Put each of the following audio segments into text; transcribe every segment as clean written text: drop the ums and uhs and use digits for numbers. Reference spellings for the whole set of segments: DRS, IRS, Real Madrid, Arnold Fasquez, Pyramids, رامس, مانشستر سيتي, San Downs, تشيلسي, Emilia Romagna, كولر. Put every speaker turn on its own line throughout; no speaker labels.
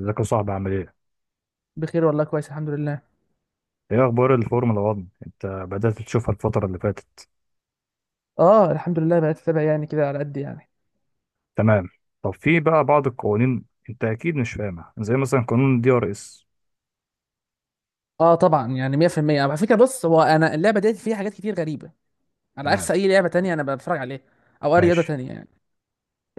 ازيك يا صاحبي عامل ايه؟
بخير والله، كويس الحمد لله.
ايه اخبار الفورمولا 1؟ انت بدأت تشوفها الفترة اللي فاتت.
اه الحمد لله بقيت اتابع، يعني كده على قد يعني.
تمام. طب في بقى بعض القوانين، انت اكيد مش فاهمها، زي مثلا قانون الدي ار اس.
اه طبعا يعني 100% على فكره. بص، هو انا اللعبه ديت فيها حاجات كتير غريبه، على عكس
تمام.
اي لعبه تانية انا بتفرج عليها، او اي رياضه
ماشي.
تانية يعني.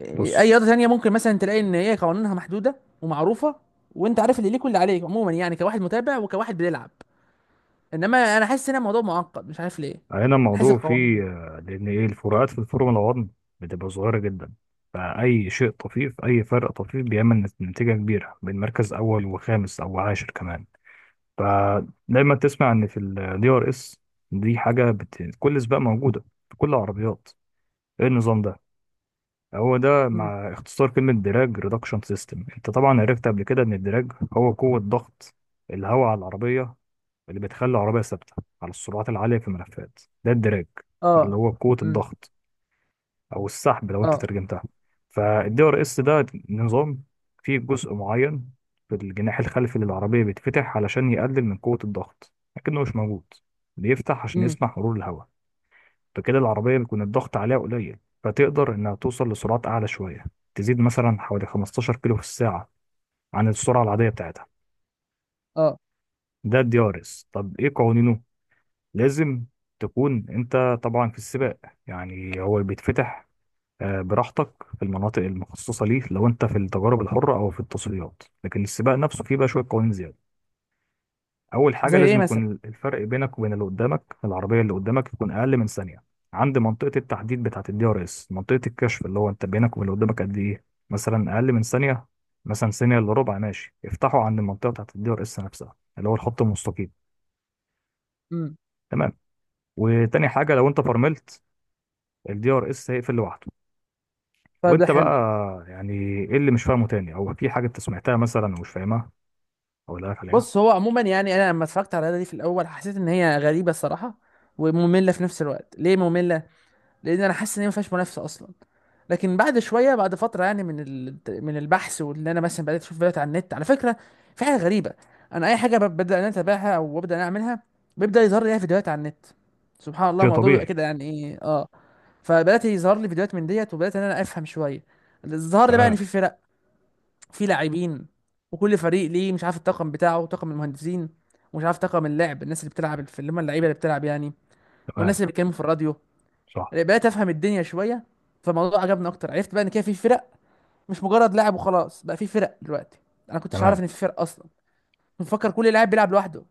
اي
بص.
رياضه تانية ممكن مثلا تلاقي ان هي قوانينها محدوده ومعروفه، وانت عارف اللي ليك واللي عليك عموما، يعني كواحد متابع وكواحد بيلعب. انما انا حاسس ان الموضوع معقد، مش عارف ليه.
هنا
حاسس
الموضوع فيه،
القوانين.
لان ايه الفروقات في الفورمولا 1 بتبقى صغيرة جدا. فأي شيء طفيف، أي فرق طفيف بيعمل نتيجة كبيرة بين مركز أول وخامس أو عاشر كمان. فدايما تسمع إن في الدي ار اس، دي حاجة كل سباق موجودة، في كل العربيات. ايه النظام ده؟ هو ده،
امم.
مع اختصار كلمة دراج ريدكشن سيستم. انت طبعا عرفت قبل كده ان الدراج هو قوة ضغط الهواء على العربية، اللي بتخلي العربية ثابتة على السرعات العالية في الملفات. ده الدراج،
اه.
اللي هو قوة
امم.
الضغط، او السحب لو انت
اه.
ترجمتها. فالدي ار اس ده نظام، فيه جزء معين في الجناح الخلفي للعربية بيتفتح علشان يقلل من قوة الضغط، لكنه مش موجود، بيفتح عشان
امم.
يسمح مرور الهواء. فكده العربية بيكون الضغط عليها قليل، فتقدر إنها توصل لسرعات أعلى شوية، تزيد مثلا حوالي 15 كيلو في الساعة عن السرعة العادية بتاعتها.
اه.
ده الدي ار اس. طب إيه قوانينه؟ لازم تكون أنت طبعا في السباق. يعني هو بيتفتح براحتك في المناطق المخصصة ليه لو أنت في التجارب الحرة أو في التصفيات، لكن السباق نفسه فيه بقى شوية قوانين زيادة. اول حاجه،
زي
لازم
ايه مثلا؟
يكون الفرق بينك وبين اللي قدامك، العربيه اللي قدامك يكون اقل من ثانيه عند منطقه التحديد بتاعه الدي ار اس، منطقه الكشف، اللي هو انت بينك وبين اللي قدامك قد ايه، مثلا اقل من ثانيه، مثلا ثانيه الا ربع، ماشي افتحوا عند المنطقه بتاعه الدي ار اس نفسها، اللي هو الخط المستقيم.
امم.
تمام. وتاني حاجه، لو انت فرملت الدي ار اس هيقفل لوحده.
طيب ده
وانت بقى،
حلو.
يعني ايه اللي مش فاهمه تاني، او في حاجه انت سمعتها مثلا ومش فاهمها اقول لك عليها.
بص، هو عموما يعني انا لما اتفرجت على اللعبه دي في الاول، حسيت ان هي غريبه الصراحه، وممله في نفس الوقت. ليه ممله؟ لان انا حاسس ان هي ما فيهاش منافسه اصلا. لكن بعد شويه، بعد فتره يعني، من ال... من البحث، واللي انا مثلا بدات اشوف فيديوهات على النت. على فكره، في حاجه غريبه. انا اي حاجه ببدا ان انا اتابعها او ببدا ان انا اعملها، بيبدا يظهر لي فيديوهات على النت. سبحان الله
شيء
الموضوع بيبقى
طبيعي.
كده، يعني ايه؟ اه. فبدات يظهر لي فيديوهات من ديت، وبدات ان انا افهم شويه. ظهر لي بقى ان
تمام.
في فرق، في لاعبين، وكل فريق ليه مش عارف الطاقم بتاعه، طاقم المهندسين، ومش عارف طاقم اللعب، الناس اللي بتلعب، في اللي هم اللعيبه اللي بتلعب يعني، والناس
تمام.
اللي بيتكلموا في الراديو.
صح.
بقيت افهم الدنيا شويه، فالموضوع عجبني اكتر. عرفت بقى ان كده في فرق، مش مجرد لاعب وخلاص. بقى في فرق دلوقتي. انا كنتش عارف
تمام.
ان في فرق اصلا. كنت مفكر كل لاعب بيلعب لوحده،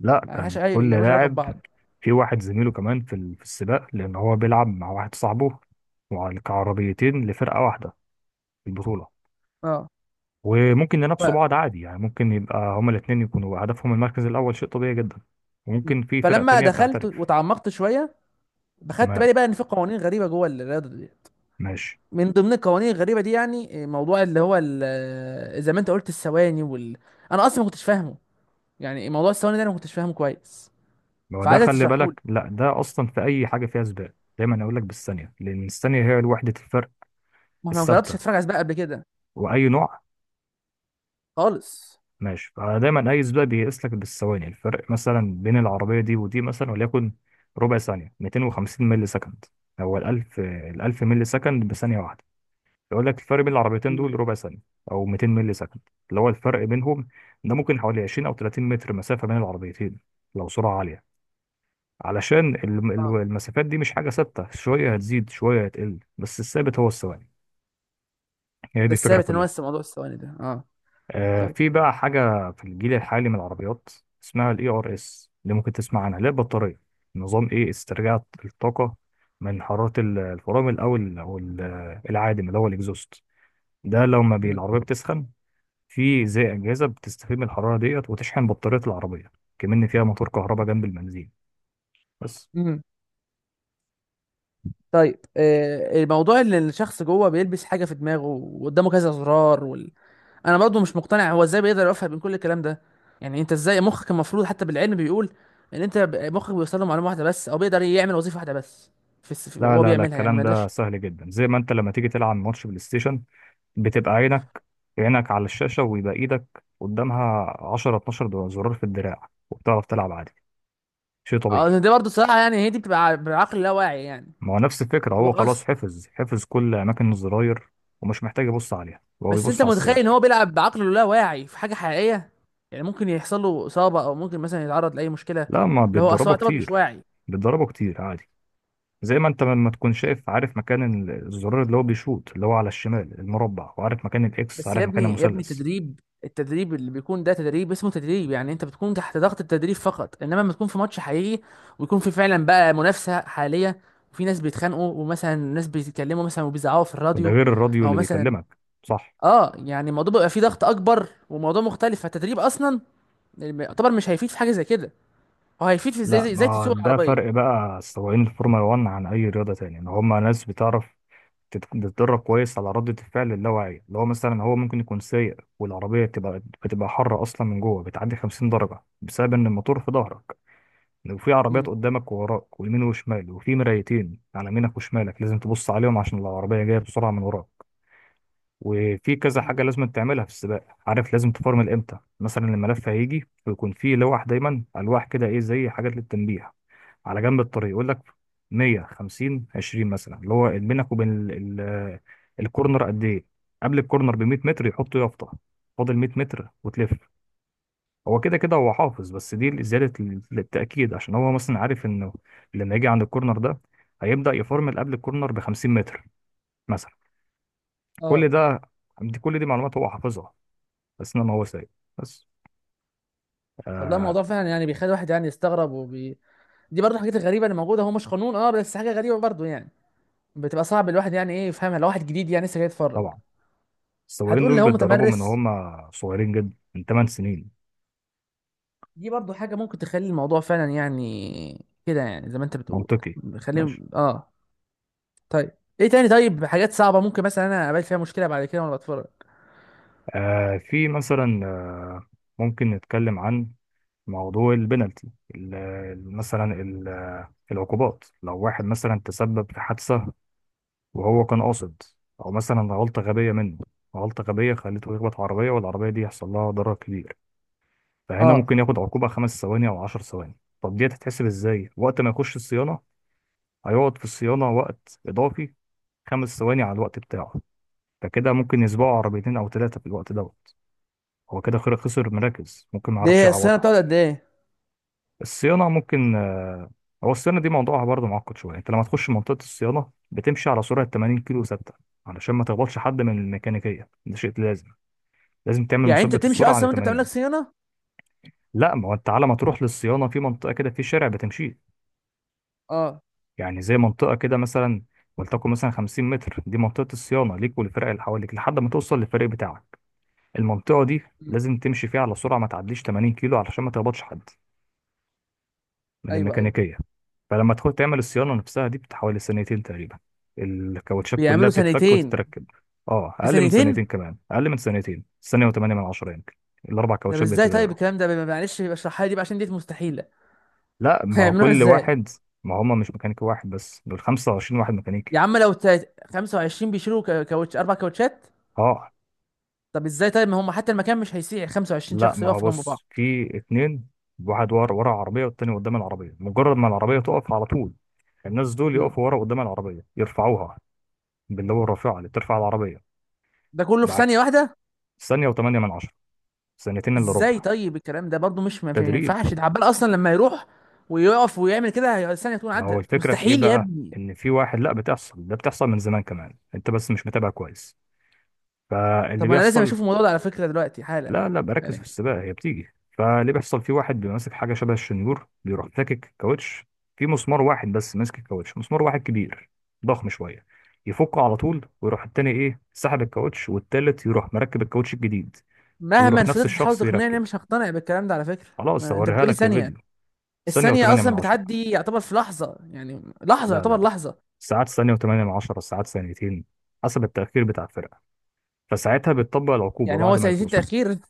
لا،
ما
كان
لهاش اي
كل
ملهاش علاقه
لاعب
ببعض.
في واحد زميله كمان في السباق، لان هو بيلعب مع واحد صاحبه، كعربيتين لفرقه واحده في البطوله.
اه.
وممكن ينافسوا
ف.
بعض عادي، يعني ممكن يبقى هما الاثنين يكونوا هدفهم المركز الاول، شيء طبيعي جدا.
م.
وممكن في فرق
فلما
تانية
دخلت
بتعترف.
وتعمقت شويه، بخدت
تمام.
بالي بقى ان في قوانين غريبه جوه الرياضه دي.
ماشي.
من ضمن القوانين الغريبه دي، يعني موضوع اللي هو زي ما انت قلت الثواني وال... انا اصلا ما كنتش فاهمه. يعني موضوع الثواني ده انا ما كنتش فاهمه كويس،
هو ده،
فعايزك
خلي
تشرحه لي.
بالك، لا ده اصلا في اي حاجه فيها سباق دايما اقول لك بالثانيه، لان الثانيه هي وحده الفرق
ما انا ما جربتش
الثابته،
اتفرج على سباق قبل كده
واي نوع.
خالص.
ماشي. فدايما اي سباق بيقيس لك بالثواني، الفرق مثلا بين العربيه دي ودي، مثلا وليكن ربع ثانيه، 250 مللي سكند، هو ال 1000 مللي سكند بثانيه واحده. يقول لك الفرق بين العربيتين
مم.
دول ربع ثانيه، او 200 مللي سكند، اللي هو الفرق بينهم. ده ممكن حوالي 20 او 30 متر مسافه بين العربيتين، لو سرعه عاليه. علشان
اه
المسافات دي مش حاجه ثابته، شويه هتزيد شويه هتقل، بس الثابت هو الثواني. هي دي
بس
الفكره
ثابت ان هو
كلها.
لسه موضوع الثواني ده اه. طيب.
في بقى حاجة في الجيل الحالي من العربيات، اسمها الاي ار اس، اللي ممكن تسمع عنها، اللي هي البطارية. نظام ايه، استرجاع الطاقة من حرارة الفرامل او العادم اللي هو الاكزوست. ده لما
مم.
العربية بتسخن، في زي أجهزة بتستفيد من الحرارة ديت وتشحن بطارية العربية، كمان فيها موتور كهرباء جنب البنزين بس.
مم. طيب الموضوع اللي الشخص جوه بيلبس حاجه في دماغه وقدامه كذا زرار، انا برضو مش مقتنع هو ازاي بيقدر يوفق بين كل الكلام ده. يعني انت ازاي مخك؟ المفروض حتى بالعلم بيقول ان انت مخك بيوصل له معلومه واحده بس، او بيقدر يعمل وظيفه واحده بس.
لا،
هو
لا، لا،
بيعملها يعني، ما
الكلام ده
يقدرش.
سهل جدا، زي ما انت لما تيجي تلعب ماتش بلاي ستيشن، بتبقى عينك على الشاشة، ويبقى إيدك قدامها 10، 12 زرار في الدراع، وبتعرف تلعب عادي. شيء طبيعي.
اه دي برضو صراحه، يعني هي دي بتبقى بعقل لا واعي يعني.
ما هو نفس الفكرة،
هو
هو خلاص
خلاص.
حفظ كل أماكن الزراير، ومش محتاج يبص عليها، هو
بس انت
بيبص على
متخيل
السباق.
ان هو بيلعب بعقله اللا واعي في حاجه حقيقيه. يعني ممكن يحصل له اصابه، او ممكن مثلا يتعرض لاي مشكله،
لا، ما
اللي هو اصل هو
بيتدربوا
يعتبر مش
كتير،
واعي.
بيتدربوا كتير عادي، زي ما انت لما تكون شايف عارف مكان الزرار اللي هو بيشوط، اللي هو على الشمال المربع، وعارف مكان الاكس،
بس
عارف
يا
مكان
ابني يا ابني،
المثلث.
تدريب، التدريب اللي بيكون ده تدريب، اسمه تدريب. يعني انت بتكون تحت ضغط التدريب فقط، انما لما تكون في ماتش حقيقي ويكون في فعلا بقى منافسة حالية، وفي ناس بيتخانقوا، ومثلا ناس بيتكلموا مثلا وبيزعقوا في
وده
الراديو،
غير الراديو
او
اللي
مثلا
بيكلمك. صح.
اه، يعني الموضوع بيبقى فيه ضغط اكبر وموضوع مختلف. فالتدريب اصلا يعتبر مش هيفيد في حاجة زي كده. هو هيفيد في ازاي
لا،
ازاي إزاي
ما
تسوق
ده فرق
العربية.
بقى السواقين الفورمولا 1 عن اي رياضه تانية، ان هما ناس بتعرف بتتدرب كويس على ردة الفعل اللاواعية، اللي هو مثلا هو ممكن يكون سايق، والعربية بتبقى حارة أصلا من جوه، بتعدي 50 درجة، بسبب إن الموتور في ظهرك، وفي عربيات
امم.
قدامك ووراك ويمين وشمال، وفي مرايتين على يمينك وشمالك لازم تبص عليهم عشان لو العربية جاية بسرعة من وراك. وفي كذا
أمم.
حاجة لازم تعملها في السباق، عارف لازم تفرمل امتى، مثلا الملف هيجي ويكون فيه لوح، دايما ألواح كده ايه، زي حاجات للتنبيه على جنب الطريق، يقول لك 100، 50، 20 مثلا، اللي هو بينك وبين الكورنر قد ايه. قبل الكورنر ب 100 متر يحط يافطه، فاضل 100 متر وتلف. هو كده كده هو حافظ، بس دي زياده للتاكيد، عشان هو مثلا عارف انه لما يجي عند الكورنر ده هيبدا يفرمل قبل الكورنر ب 50 متر مثلا. كل
اه
ده، دي كل دي معلومات هو حافظها، بس انما هو سايق بس.
والله
آه
الموضوع فعلا يعني بيخلي الواحد يعني يستغرب، وبي... دي برضه الحاجات الغريبة اللي موجودة. هو مش قانون اه، بس حاجة غريبة برضه يعني، بتبقى صعب الواحد يعني ايه يفهمها، لو واحد جديد يعني لسه جاي يتفرج.
طبعا السواقين
هتقول لي
دول
هو
بيتدربوا من
متمرس.
هم صغيرين جدا، من 8 سنين.
دي برضو حاجة ممكن تخلي الموضوع فعلا يعني كده، يعني زي ما انت بتقول.
منطقي.
خليه
ماشي.
اه. طيب. ايه تاني؟ طيب حاجات صعبة ممكن مثلا انا اقابل فيها مشكلة بعد كده وانا بتفرج.
في مثلا، ممكن نتكلم عن موضوع البنالتي، مثلا العقوبات. لو واحد مثلا تسبب في حادثة وهو كان قاصد، أو مثلا غلطة غبية منه، غلطة غبية خليته يخبط عربية والعربية دي يحصل لها ضرر كبير، فهنا
اه.
ممكن ياخد عقوبة 5 ثواني أو 10 ثواني. طب دي هتتحسب إزاي؟ وقت ما يخش الصيانة هيقعد في الصيانة وقت إضافي، 5 ثواني على الوقت بتاعه. فكده ممكن يسبقوا عربيتين أو ثلاثة في الوقت ده. هو كده خير خسر مراكز ممكن ما
دي
يعرفش
هي الصيانة
يعوضها.
بتقعد قد ايه؟
الصيانه ممكن، هو الصيانه دي موضوعها برضه معقد شويه. انت لما تخش منطقه الصيانه بتمشي على سرعه 80 كيلو ثابته، علشان ما تخبطش حد من الميكانيكيه، ده شيء لازم. لازم تعمل
يعني انت
مثبت
تمشي
السرعه على
اصلا وانت بتعمل لك
80.
صيانة؟
لا، ما هو انت على ما تروح للصيانه في منطقه كده، في شارع بتمشيه،
اه.
يعني زي منطقه كده مثلا، ولتكن مثلا 50 متر، دي منطقه الصيانه ليك والفرق اللي حواليك لحد ما توصل للفريق بتاعك. المنطقه دي
مم.
لازم تمشي فيها على سرعه ما تعديش 80 كيلو، علشان ما تخبطش حد من
ايوه ايوه.
الميكانيكية. فلما تدخل تعمل الصيانة نفسها دي بتحوالي سنتين تقريبا، الكاوتشات كلها
بيعملوا
بتتفك
سنتين؟
وتتركب. اه
في
أقل من سنتين
سنتين؟
كمان، أقل من سنتين، سنة وثمانية من عشرة يمكن. الأربع
طب
كاوتشات
ازاي؟ طيب
بيتغيروا.
الكلام ده معلش، يبقى اشرحها لي دي بقى، عشان دي مستحيلة.
لا، ما هو
هيعملوها
كل
ازاي؟
واحد، ما هما مش ميكانيكي واحد بس، دول 25 واحد ميكانيكي.
يا عم لو 25 بيشيلوا كاوتش، اربع كاوتشات؟
اه.
طب ازاي؟ طيب ما هم حتى المكان مش هيسيع 25
لا،
شخص
ما هو
يقفوا جنب بعض.
بص، في اتنين، واحد ورا العربية والتاني قدام العربية، مجرد ما العربية تقف على طول، الناس دول
امم.
يقفوا ورا قدام العربية يرفعوها، باللي هو الرافعة اللي بترفع العربية،
ده كله في
معاك.
ثانية واحدة؟
ثانية وثمانية من عشرة، سنتين الا
ازاي؟
ربع.
طيب الكلام ده برضو مش، ما
تدريب.
ينفعش. ده عبال اصلا لما يروح ويقف ويعمل كده الثانية تكون
ما هو
عدت.
الفكره في ايه
مستحيل يا
بقى،
ابني.
ان في واحد، لا بتحصل، ده بتحصل من زمان كمان، انت بس مش متابع كويس. فاللي
طب ما انا لازم
بيحصل،
اشوف الموضوع ده على فكرة دلوقتي حالا.
لا، لا، بركز في
يعني
السباق هي بتيجي. فاللي بيحصل، في واحد بيبقى ماسك حاجه شبه الشنيور، بيروح فاكك كاوتش، في مسمار واحد بس ماسك الكاوتش، مسمار واحد كبير، ضخم شويه، يفكه على طول، ويروح التاني ايه سحب الكاوتش، والتالت يروح مركب الكاوتش الجديد.
مهما
ويروح نفس
فضلت تحاول
الشخص
تقنعني انا
يركب.
مش هقتنع بالكلام ده على فكرة.
خلاص
ما انت
هوريها
بتقولي
لك في فيديو.
ثانية!
ثانيه
الثانية
وثمانيه من
اصلا
عشره.
بتعدي يعتبر في لحظة، يعني لحظة
لا، لا،
يعتبر
لا،
لحظة.
ساعات ثانية وثمانية من عشرة، ساعات ثانيتين، حسب التأخير بتاع الفرقة، فساعتها بتطبق العقوبة
يعني هو
بعد ما
ثانيتين
يخلصوا.
تأخير؟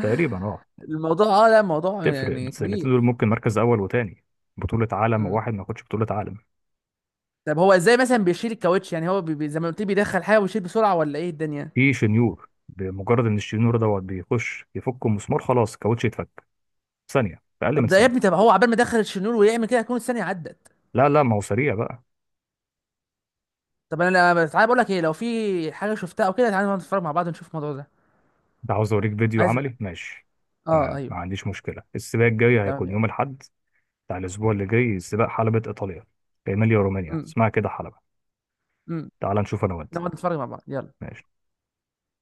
تقريبا اه.
الموضوع اه، لا موضوع
تفرق
يعني كبير.
السنتين دول ممكن مركز أول وتاني، بطولة عالم وواحد ما ياخدش بطولة عالم.
طب هو ازاي مثلا بيشيل الكاوتش؟ يعني هو زي ما قلت لي بيدخل حاجه ويشيل بسرعه، ولا ايه الدنيا؟
في شنيور، بمجرد إن الشنيور دوت بيخش يفك المسمار خلاص الكاوتش يتفك ثانية، في أقل
طب
من
ده يا ابني،
ثانية.
طب هو عبال ما دخل الشنور ويعمل كده هتكون الثانيه عدت.
لا، لا، ما هو سريع بقى.
طب انا، تعالى بقول لك ايه، لو في حاجه شفتها او كده تعالى نقعد نتفرج مع بعض ونشوف الموضوع ده.
ده عاوز أوريك فيديو
عايز.
عملي؟ ماشي،
اه
تمام،
ايوه.
ما عنديش مشكلة. السباق الجاي
تمام
هيكون
يلا.
يوم الأحد بتاع الأسبوع اللي جاي، سباق حلبة إيطاليا، في إيميليا رومانيا
امم.
اسمها كده حلبة.
امم.
تعال نشوف انا وانت.
نقعد نتفرج مع بعض، يلا.
ماشي.